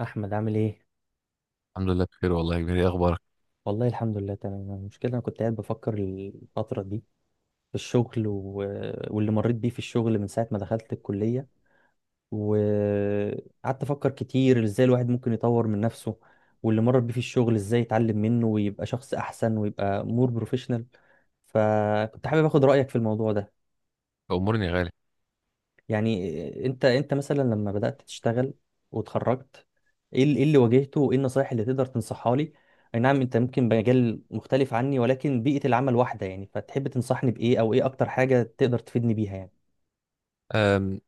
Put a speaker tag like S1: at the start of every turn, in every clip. S1: احمد عامل ايه؟
S2: الحمد لله بخير والله يا كبير. ايه اخبارك؟
S1: والله الحمد لله تمام. المشكله انا كنت قاعد بفكر الفتره دي في الشغل واللي مريت بيه في الشغل من ساعه ما دخلت الكليه، وقعدت افكر كتير ازاي الواحد ممكن يطور من نفسه، واللي مر بيه في الشغل ازاي يتعلم منه ويبقى شخص احسن ويبقى مور بروفيشنال. فكنت حابب اخد رايك في الموضوع ده.
S2: امورني يا غالي.
S1: يعني انت مثلا لما بدأت تشتغل واتخرجت، إيه اللي واجهته وايه النصايح اللي تقدر تنصحها لي؟ اي نعم انت ممكن بمجال مختلف عني، ولكن بيئة العمل واحدة، يعني فتحب تنصحني بايه او ايه اكتر حاجة تقدر تفيدني بيها يعني؟
S2: أم،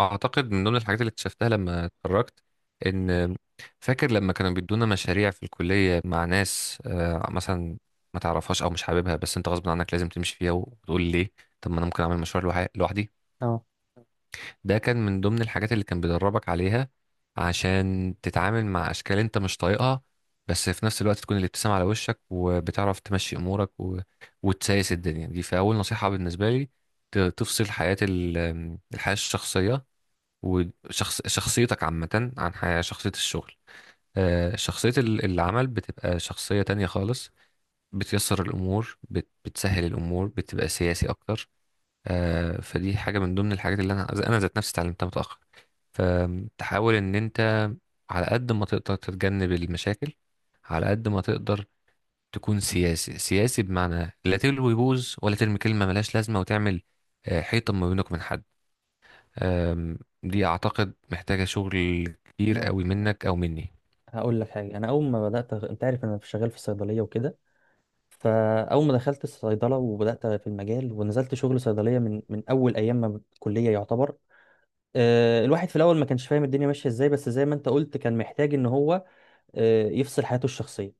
S2: اعتقد من ضمن الحاجات اللي اكتشفتها لما اتخرجت ان فاكر لما كانوا بيدونا مشاريع في الكليه مع ناس، مثلا ما تعرفهاش او مش حاببها، بس انت غصب عنك لازم تمشي فيها وتقول ليه طب ما انا ممكن اعمل مشروع لوحدي.
S1: اه،
S2: ده كان من ضمن الحاجات اللي كان بيدربك عليها عشان تتعامل مع اشكال انت مش طايقها، بس في نفس الوقت تكون الابتسامة على وشك وبتعرف تمشي امورك وتسايس الدنيا دي. فاول نصيحة بالنسبة لي تفصل حياة الحياة الشخصية وشخص شخصيتك عامة عن حياة شخصية الشغل. شخصية العمل بتبقى شخصية تانية خالص. بتيسر الأمور، بتسهل الأمور، بتبقى سياسي أكتر. فدي حاجة من ضمن الحاجات اللي أنا ذات نفسي اتعلمتها متأخر. فتحاول ان انت على قد ما تقدر تتجنب المشاكل على قد ما تقدر تكون سياسي. سياسي بمعنى لا تلوي بوز ولا ترمي كلمة ملهاش لازمة، وتعمل حيطة ما بينك من حد. دي اعتقد محتاجة شغل كتير
S1: ما
S2: قوي منك او مني.
S1: هقول لك حاجه. انا اول ما بدات، انت عارف انا شغال في الصيدليه وكده، فاول ما دخلت الصيدله وبدات في المجال ونزلت شغل صيدليه من اول ايام ما ب- الكليه يعتبر. الواحد في الاول ما كانش فاهم الدنيا ماشيه ازاي، بس زي ما انت قلت كان محتاج ان هو يفصل حياته الشخصية.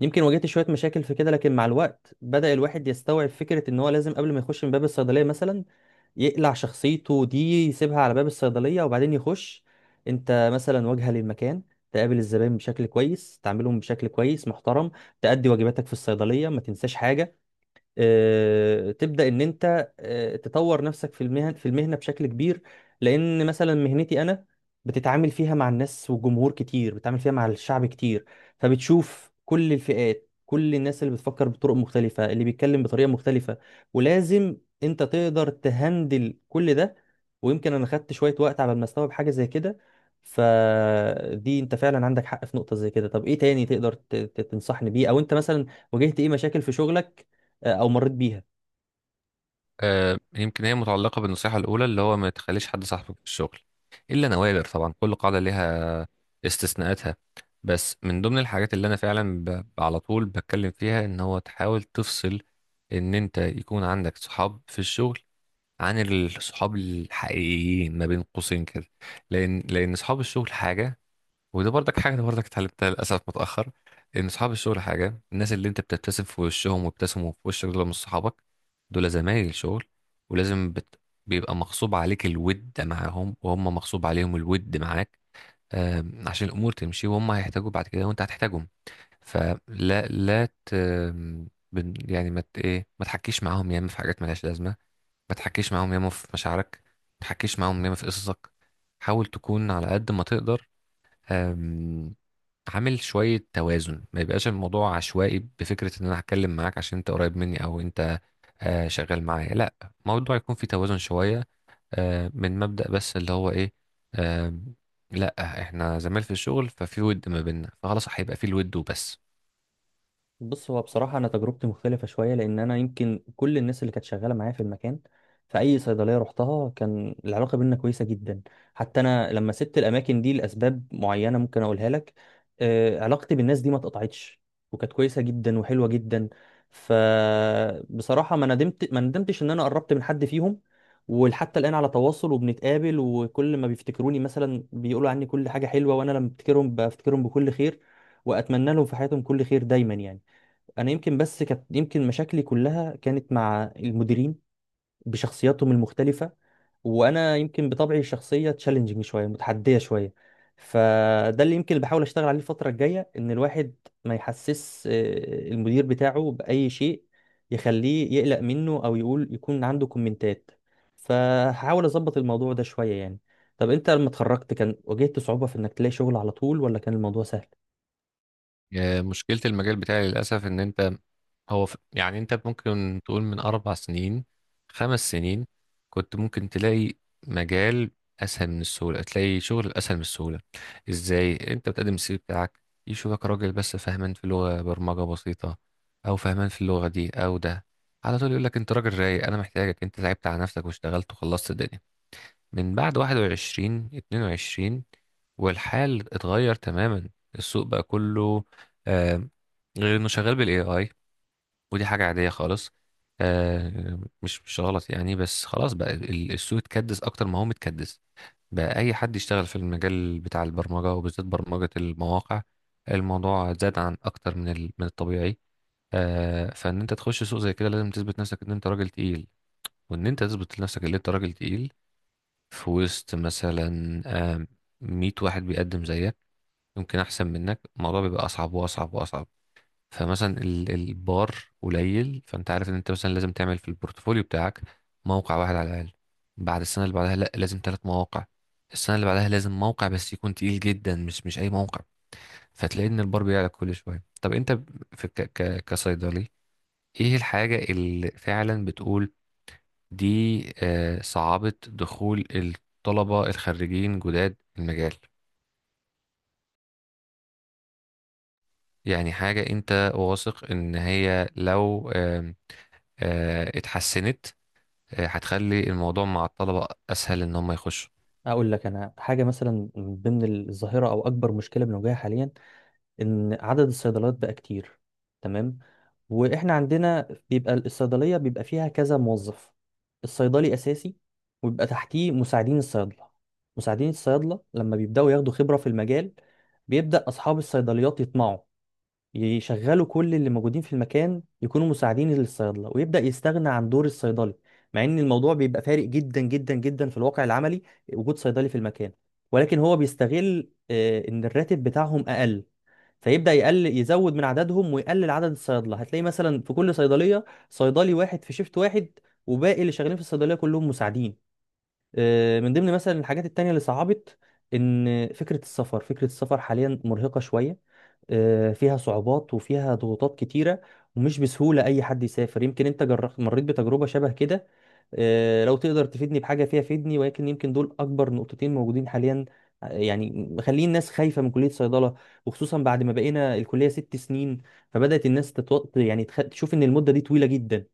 S1: يمكن واجهت شوية مشاكل في كده، لكن مع الوقت بدأ الواحد يستوعب فكرة إن هو لازم قبل ما يخش من باب الصيدلية مثلا يقلع شخصيته دي، يسيبها على باب الصيدلية وبعدين يخش. أنت مثلا واجهة للمكان، تقابل الزبائن بشكل كويس، تعاملهم بشكل كويس محترم، تأدي واجباتك في الصيدلية ما تنساش حاجة. تبدا ان انت تطور نفسك في المهنه بشكل كبير، لان مثلا مهنتي انا بتتعامل فيها مع الناس وجمهور كتير، بتتعامل فيها مع الشعب كتير. فبتشوف كل الفئات، كل الناس اللي بتفكر بطرق مختلفه، اللي بيتكلم بطريقه مختلفه، ولازم انت تقدر تهندل كل ده. ويمكن انا خدت شويه وقت على ما استوعب حاجه زي كده. فدي انت فعلا عندك حق في نقطه زي كده. طب ايه تاني تقدر تنصحني بيه، او انت مثلا واجهت ايه مشاكل في شغلك او مريت بيها؟
S2: يمكن هي متعلقة بالنصيحة الأولى، اللي هو ما تخليش حد صاحبك في الشغل إلا نوادر. طبعا كل قاعدة ليها استثناءاتها. بس من ضمن الحاجات اللي أنا فعلا على طول بتكلم فيها إن هو تحاول تفصل إن أنت يكون عندك صحاب في الشغل عن الصحاب الحقيقيين، ما بين قوسين كده. لأن صحاب الشغل حاجة، وده برضك حاجة أنا برضك اتعلمتها للأسف متأخر. إن صحاب الشغل حاجة، الناس اللي أنت بتبتسم في وشهم وابتسموا في وشك دول مش صحابك، دول زمايل شغل. ولازم بيبقى مغصوب عليك الود معاهم، وهم مغصوب عليهم الود معاك. عشان الأمور تمشي وهم هيحتاجوا بعد كده وأنت هتحتاجهم. فلا لا ت... آم، بن- يعني ما مت... إيه ما تحكيش معاهم ياما في حاجات ملهاش لازمة، ما تحكيش معاهم ياما في مشاعرك، ما تحكيش معاهم ياما في قصصك. حاول تكون على قد ما تقدر عامل شوية توازن، ما يبقاش الموضوع عشوائي بفكرة ان انا هتكلم معاك عشان انت قريب مني او انت شغال معايا. لا، الموضوع يكون فيه توازن شوية، من مبدأ بس اللي هو ايه. آه، لا، احنا زمايل في الشغل ففي ود ما بيننا، فخلاص هيبقى فيه الود وبس.
S1: بص، هو بصراحة أنا تجربتي مختلفة شوية، لأن أنا يمكن كل الناس اللي كانت شغالة معايا في المكان، في أي صيدلية رحتها كان العلاقة بينا كويسة جدا. حتى أنا لما سبت الأماكن دي لأسباب معينة ممكن أقولها لك، علاقتي بالناس دي ما اتقطعتش، وكانت كويسة جدا وحلوة جدا. فبصراحة ما ندمتش إن أنا قربت من حد فيهم، ولحتى الآن على تواصل وبنتقابل. وكل ما بيفتكروني مثلا بيقولوا عني كل حاجة حلوة، وأنا لما بفتكرهم بفتكرهم بكل خير، وأتمنى لهم في حياتهم كل خير دايما يعني. انا يمكن بس كانت يمكن مشاكلي كلها كانت مع المديرين بشخصياتهم المختلفه، وانا يمكن بطبعي الشخصيه تشالنجينج شويه، متحديه شويه. فده اللي يمكن اللي بحاول اشتغل عليه الفتره الجايه، ان الواحد ما يحسس المدير بتاعه باي شيء يخليه يقلق منه، او يقول يكون عنده كومنتات. فهحاول اظبط الموضوع ده شويه يعني. طب انت لما اتخرجت كان واجهت صعوبه في انك تلاقي شغل على طول، ولا كان الموضوع سهل؟
S2: مشكلة المجال بتاعي للأسف إن أنت يعني أنت ممكن تقول من أربع سنين، خمس سنين، كنت ممكن تلاقي مجال أسهل من السهولة، تلاقي شغل أسهل من السهولة. إزاي أنت بتقدم السي في بتاعك، يشوفك راجل بس فاهمان في لغة برمجة بسيطة أو فاهمان في اللغة دي أو ده، على طول يقول لك أنت راجل رايق أنا محتاجك. أنت تعبت على نفسك واشتغلت وخلصت الدنيا. من بعد 21 22 والحال اتغير تماما. السوق بقى كله آه غير انه شغال بالاي اي، ودي حاجة عادية خالص، مش غلط يعني. بس خلاص بقى السوق اتكدس اكتر ما هو متكدس. بقى اي حد يشتغل في المجال بتاع البرمجة وبالذات برمجة المواقع. الموضوع زاد عن اكتر من من الطبيعي. فان انت تخش سوق زي كده لازم تثبت نفسك ان انت راجل تقيل، وان انت تثبت لنفسك ان انت راجل تقيل في وسط مثلا آه، 100 واحد بيقدم زيك يمكن احسن منك. الموضوع بيبقى اصعب واصعب واصعب. فمثلا البار قليل، فانت عارف ان انت مثلا لازم تعمل في البورتفوليو بتاعك موقع واحد على الاقل. بعد السنه اللي بعدها لا، لازم ثلاث مواقع. السنه اللي بعدها لازم موقع بس يكون تقيل جدا، مش اي موقع. فتلاقي ان البار بيعلى كل شويه. طب انت في ك ك كصيدلي ايه الحاجه اللي فعلا بتقول دي صعبة دخول الطلبة الخريجين جداد المجال؟ يعني حاجة انت واثق ان هي لو آم، آه، اتحسنت هتخلي الموضوع مع الطلبة اسهل ان هم يخشوا.
S1: اقول لك انا حاجه، مثلا من ضمن الظاهره او اكبر مشكله بنواجهها حاليا ان عدد الصيدليات بقى كتير. تمام؟ واحنا عندنا بيبقى الصيدليه بيبقى فيها كذا موظف، الصيدلي اساسي، ويبقى تحتيه مساعدين الصيادله. مساعدين الصيادله لما بيبداوا ياخدوا خبره في المجال، بيبدا اصحاب الصيدليات يطمعوا، يشغلوا كل اللي موجودين في المكان يكونوا مساعدين للصيادله، ويبدا يستغنى عن دور الصيدلي، مع ان الموضوع بيبقى فارق جدا جدا جدا في الواقع العملي وجود صيدلي في المكان. ولكن هو بيستغل ان الراتب بتاعهم اقل، فيبدا يقل، يزود من عددهم ويقلل عدد الصيادله. هتلاقي مثلا في كل صيدليه صيدلي واحد في شيفت واحد، وباقي اللي شغالين في الصيدليه كلهم مساعدين. من ضمن مثلا الحاجات التانية اللي صعبت ان فكرة السفر، حاليا مرهقة شوية، فيها صعوبات وفيها ضغوطات كتيرة، ومش بسهولة اي حد يسافر. يمكن انت جربت، مريت بتجربة شبه كده، لو تقدر تفيدني بحاجة فيها فيدني. ولكن يمكن دول اكبر نقطتين موجودين حاليا، يعني مخلين الناس خايفة من كلية صيدلة، وخصوصا بعد ما بقينا الكلية ست سنين. فبدأت الناس تتوط، يعني تشوف ان المدة دي طويلة جدا.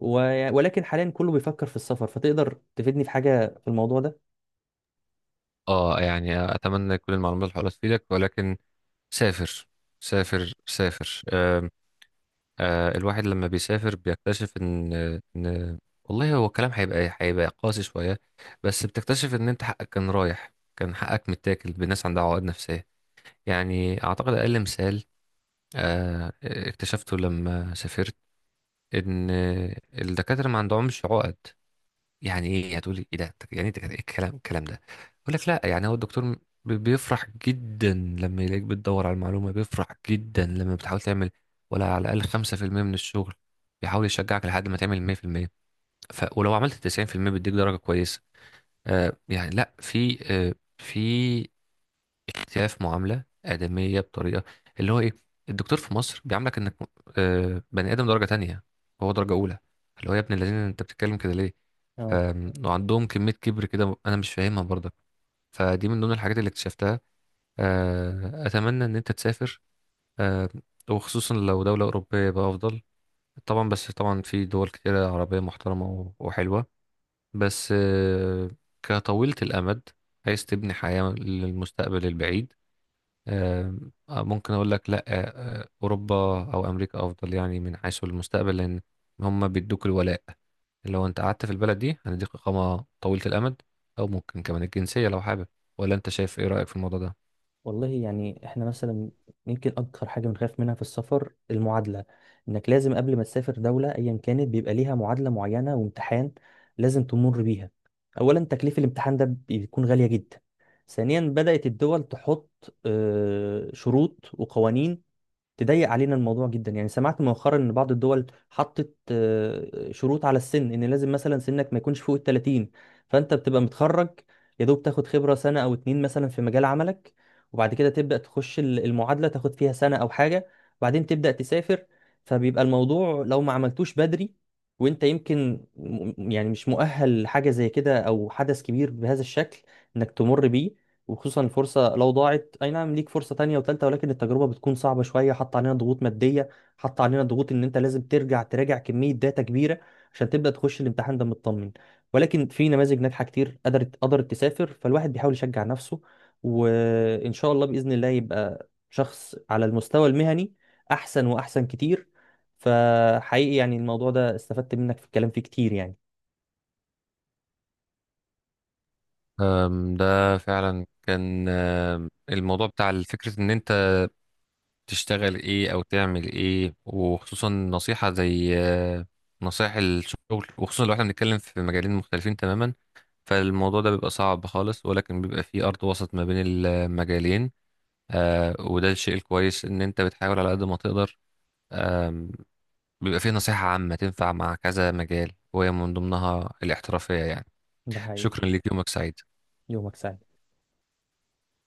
S1: ولكن حاليا كله بيفكر في السفر، فتقدر تفيدني في حاجة في الموضوع ده؟
S2: اه، يعني اتمنى كل المعلومات اللي حولت تفيدك. ولكن سافر. سافر سافر. الواحد لما بيسافر بيكتشف ان والله، هو الكلام هيبقى قاسي شويه، بس بتكتشف ان انت حقك كان رايح، كان حقك متاكل بناس عندها عقد نفسيه. يعني اعتقد اقل مثال اكتشفته لما سافرت ان الدكاتره ما عندهمش عقد. يعني ايه؟ يعني هتقولي ايه ده، ايه الكلام ده؟ اقول لك لا. يعني هو الدكتور بيفرح جدا لما يلاقيك بتدور على المعلومه، بيفرح جدا لما بتحاول تعمل ولا على الاقل 5% من الشغل، بيحاول يشجعك لحد ما تعمل 100%. ف ولو عملت 90% بيديك درجه كويسه. يعني لا، في في شايف معاملة آدمية بطريقة، اللي هو إيه، الدكتور في مصر بيعاملك إنك بني آدم درجة تانية، هو درجة أولى، اللي هو يا ابن الذين أنت بتتكلم كده ليه.
S1: اه،
S2: ف- وعندهم كمية كبر كده أنا مش فاهمها برضك. فدي من ضمن الحاجات اللي اكتشفتها. أتمنى إن أنت تسافر، آه، وخصوصا لو دولة أوروبية بقى أفضل طبعا. بس طبعا في دول كتيرة عربية محترمة وحلوة، بس كطويلة الأمد عايز تبني حياة للمستقبل البعيد. آه، ممكن اقول لك لا، اوروبا او امريكا افضل يعني من حيث المستقبل، لان هم بيدوك الولاء. لو انت قعدت في البلد دي هنديك اقامه طويله الامد، او ممكن كمان الجنسيه لو حابب. ولا انت شايف ايه رايك في الموضوع ده؟
S1: والله يعني احنا مثلا يمكن اكتر حاجة بنخاف منها في السفر المعادلة. انك لازم قبل ما تسافر دولة ايا كانت بيبقى ليها معادلة معينة وامتحان لازم تمر بيها. اولا، تكليف الامتحان ده بيكون غالية جدا. ثانيا، بدأت الدول تحط شروط وقوانين تضيق علينا الموضوع جدا. يعني سمعت مؤخرا ان بعض الدول حطت شروط على السن، ان لازم مثلا سنك ما يكونش فوق ال 30. فانت بتبقى متخرج، يا دوب تاخد خبرة سنة او اتنين مثلا في مجال عملك، وبعد كده تبدأ تخش المعادلة، تاخد فيها سنة او حاجة، وبعدين تبدأ تسافر. فبيبقى الموضوع لو ما عملتوش بدري، وانت يمكن يعني مش مؤهل لحاجة زي كده، او حدث كبير بهذا الشكل انك تمر بيه. وخصوصا الفرصة لو ضاعت، أي نعم ليك فرصة تانية وتالتة، ولكن التجربة بتكون صعبة شوية. حط علينا ضغوط مادية، حط علينا ضغوط إن أنت لازم ترجع تراجع كمية داتا كبيرة عشان تبدأ تخش الامتحان ده مطمن. ولكن في نماذج ناجحة كتير قدرت تسافر، فالواحد بيحاول يشجع نفسه، وإن شاء الله بإذن الله يبقى شخص على المستوى المهني أحسن وأحسن كتير. فحقيقي يعني الموضوع ده استفدت منك في الكلام فيه كتير يعني.
S2: ده فعلا كان الموضوع بتاع فكرة ان انت تشتغل ايه او تعمل ايه، وخصوصا نصيحة زي نصائح الشغل، وخصوصا لو احنا بنتكلم في مجالين مختلفين تماما. فالموضوع ده بيبقى صعب خالص ولكن بيبقى فيه أرض وسط ما بين المجالين. وده الشيء الكويس إن أنت بتحاول على قد ما تقدر. آم، بيبقى فيه نصيحة عامة تنفع مع كذا مجال وهي من ضمنها الاحترافية يعني.
S1: ده حقيقي.
S2: شكرا ليك، يومك سعيد.
S1: يومك سعيد.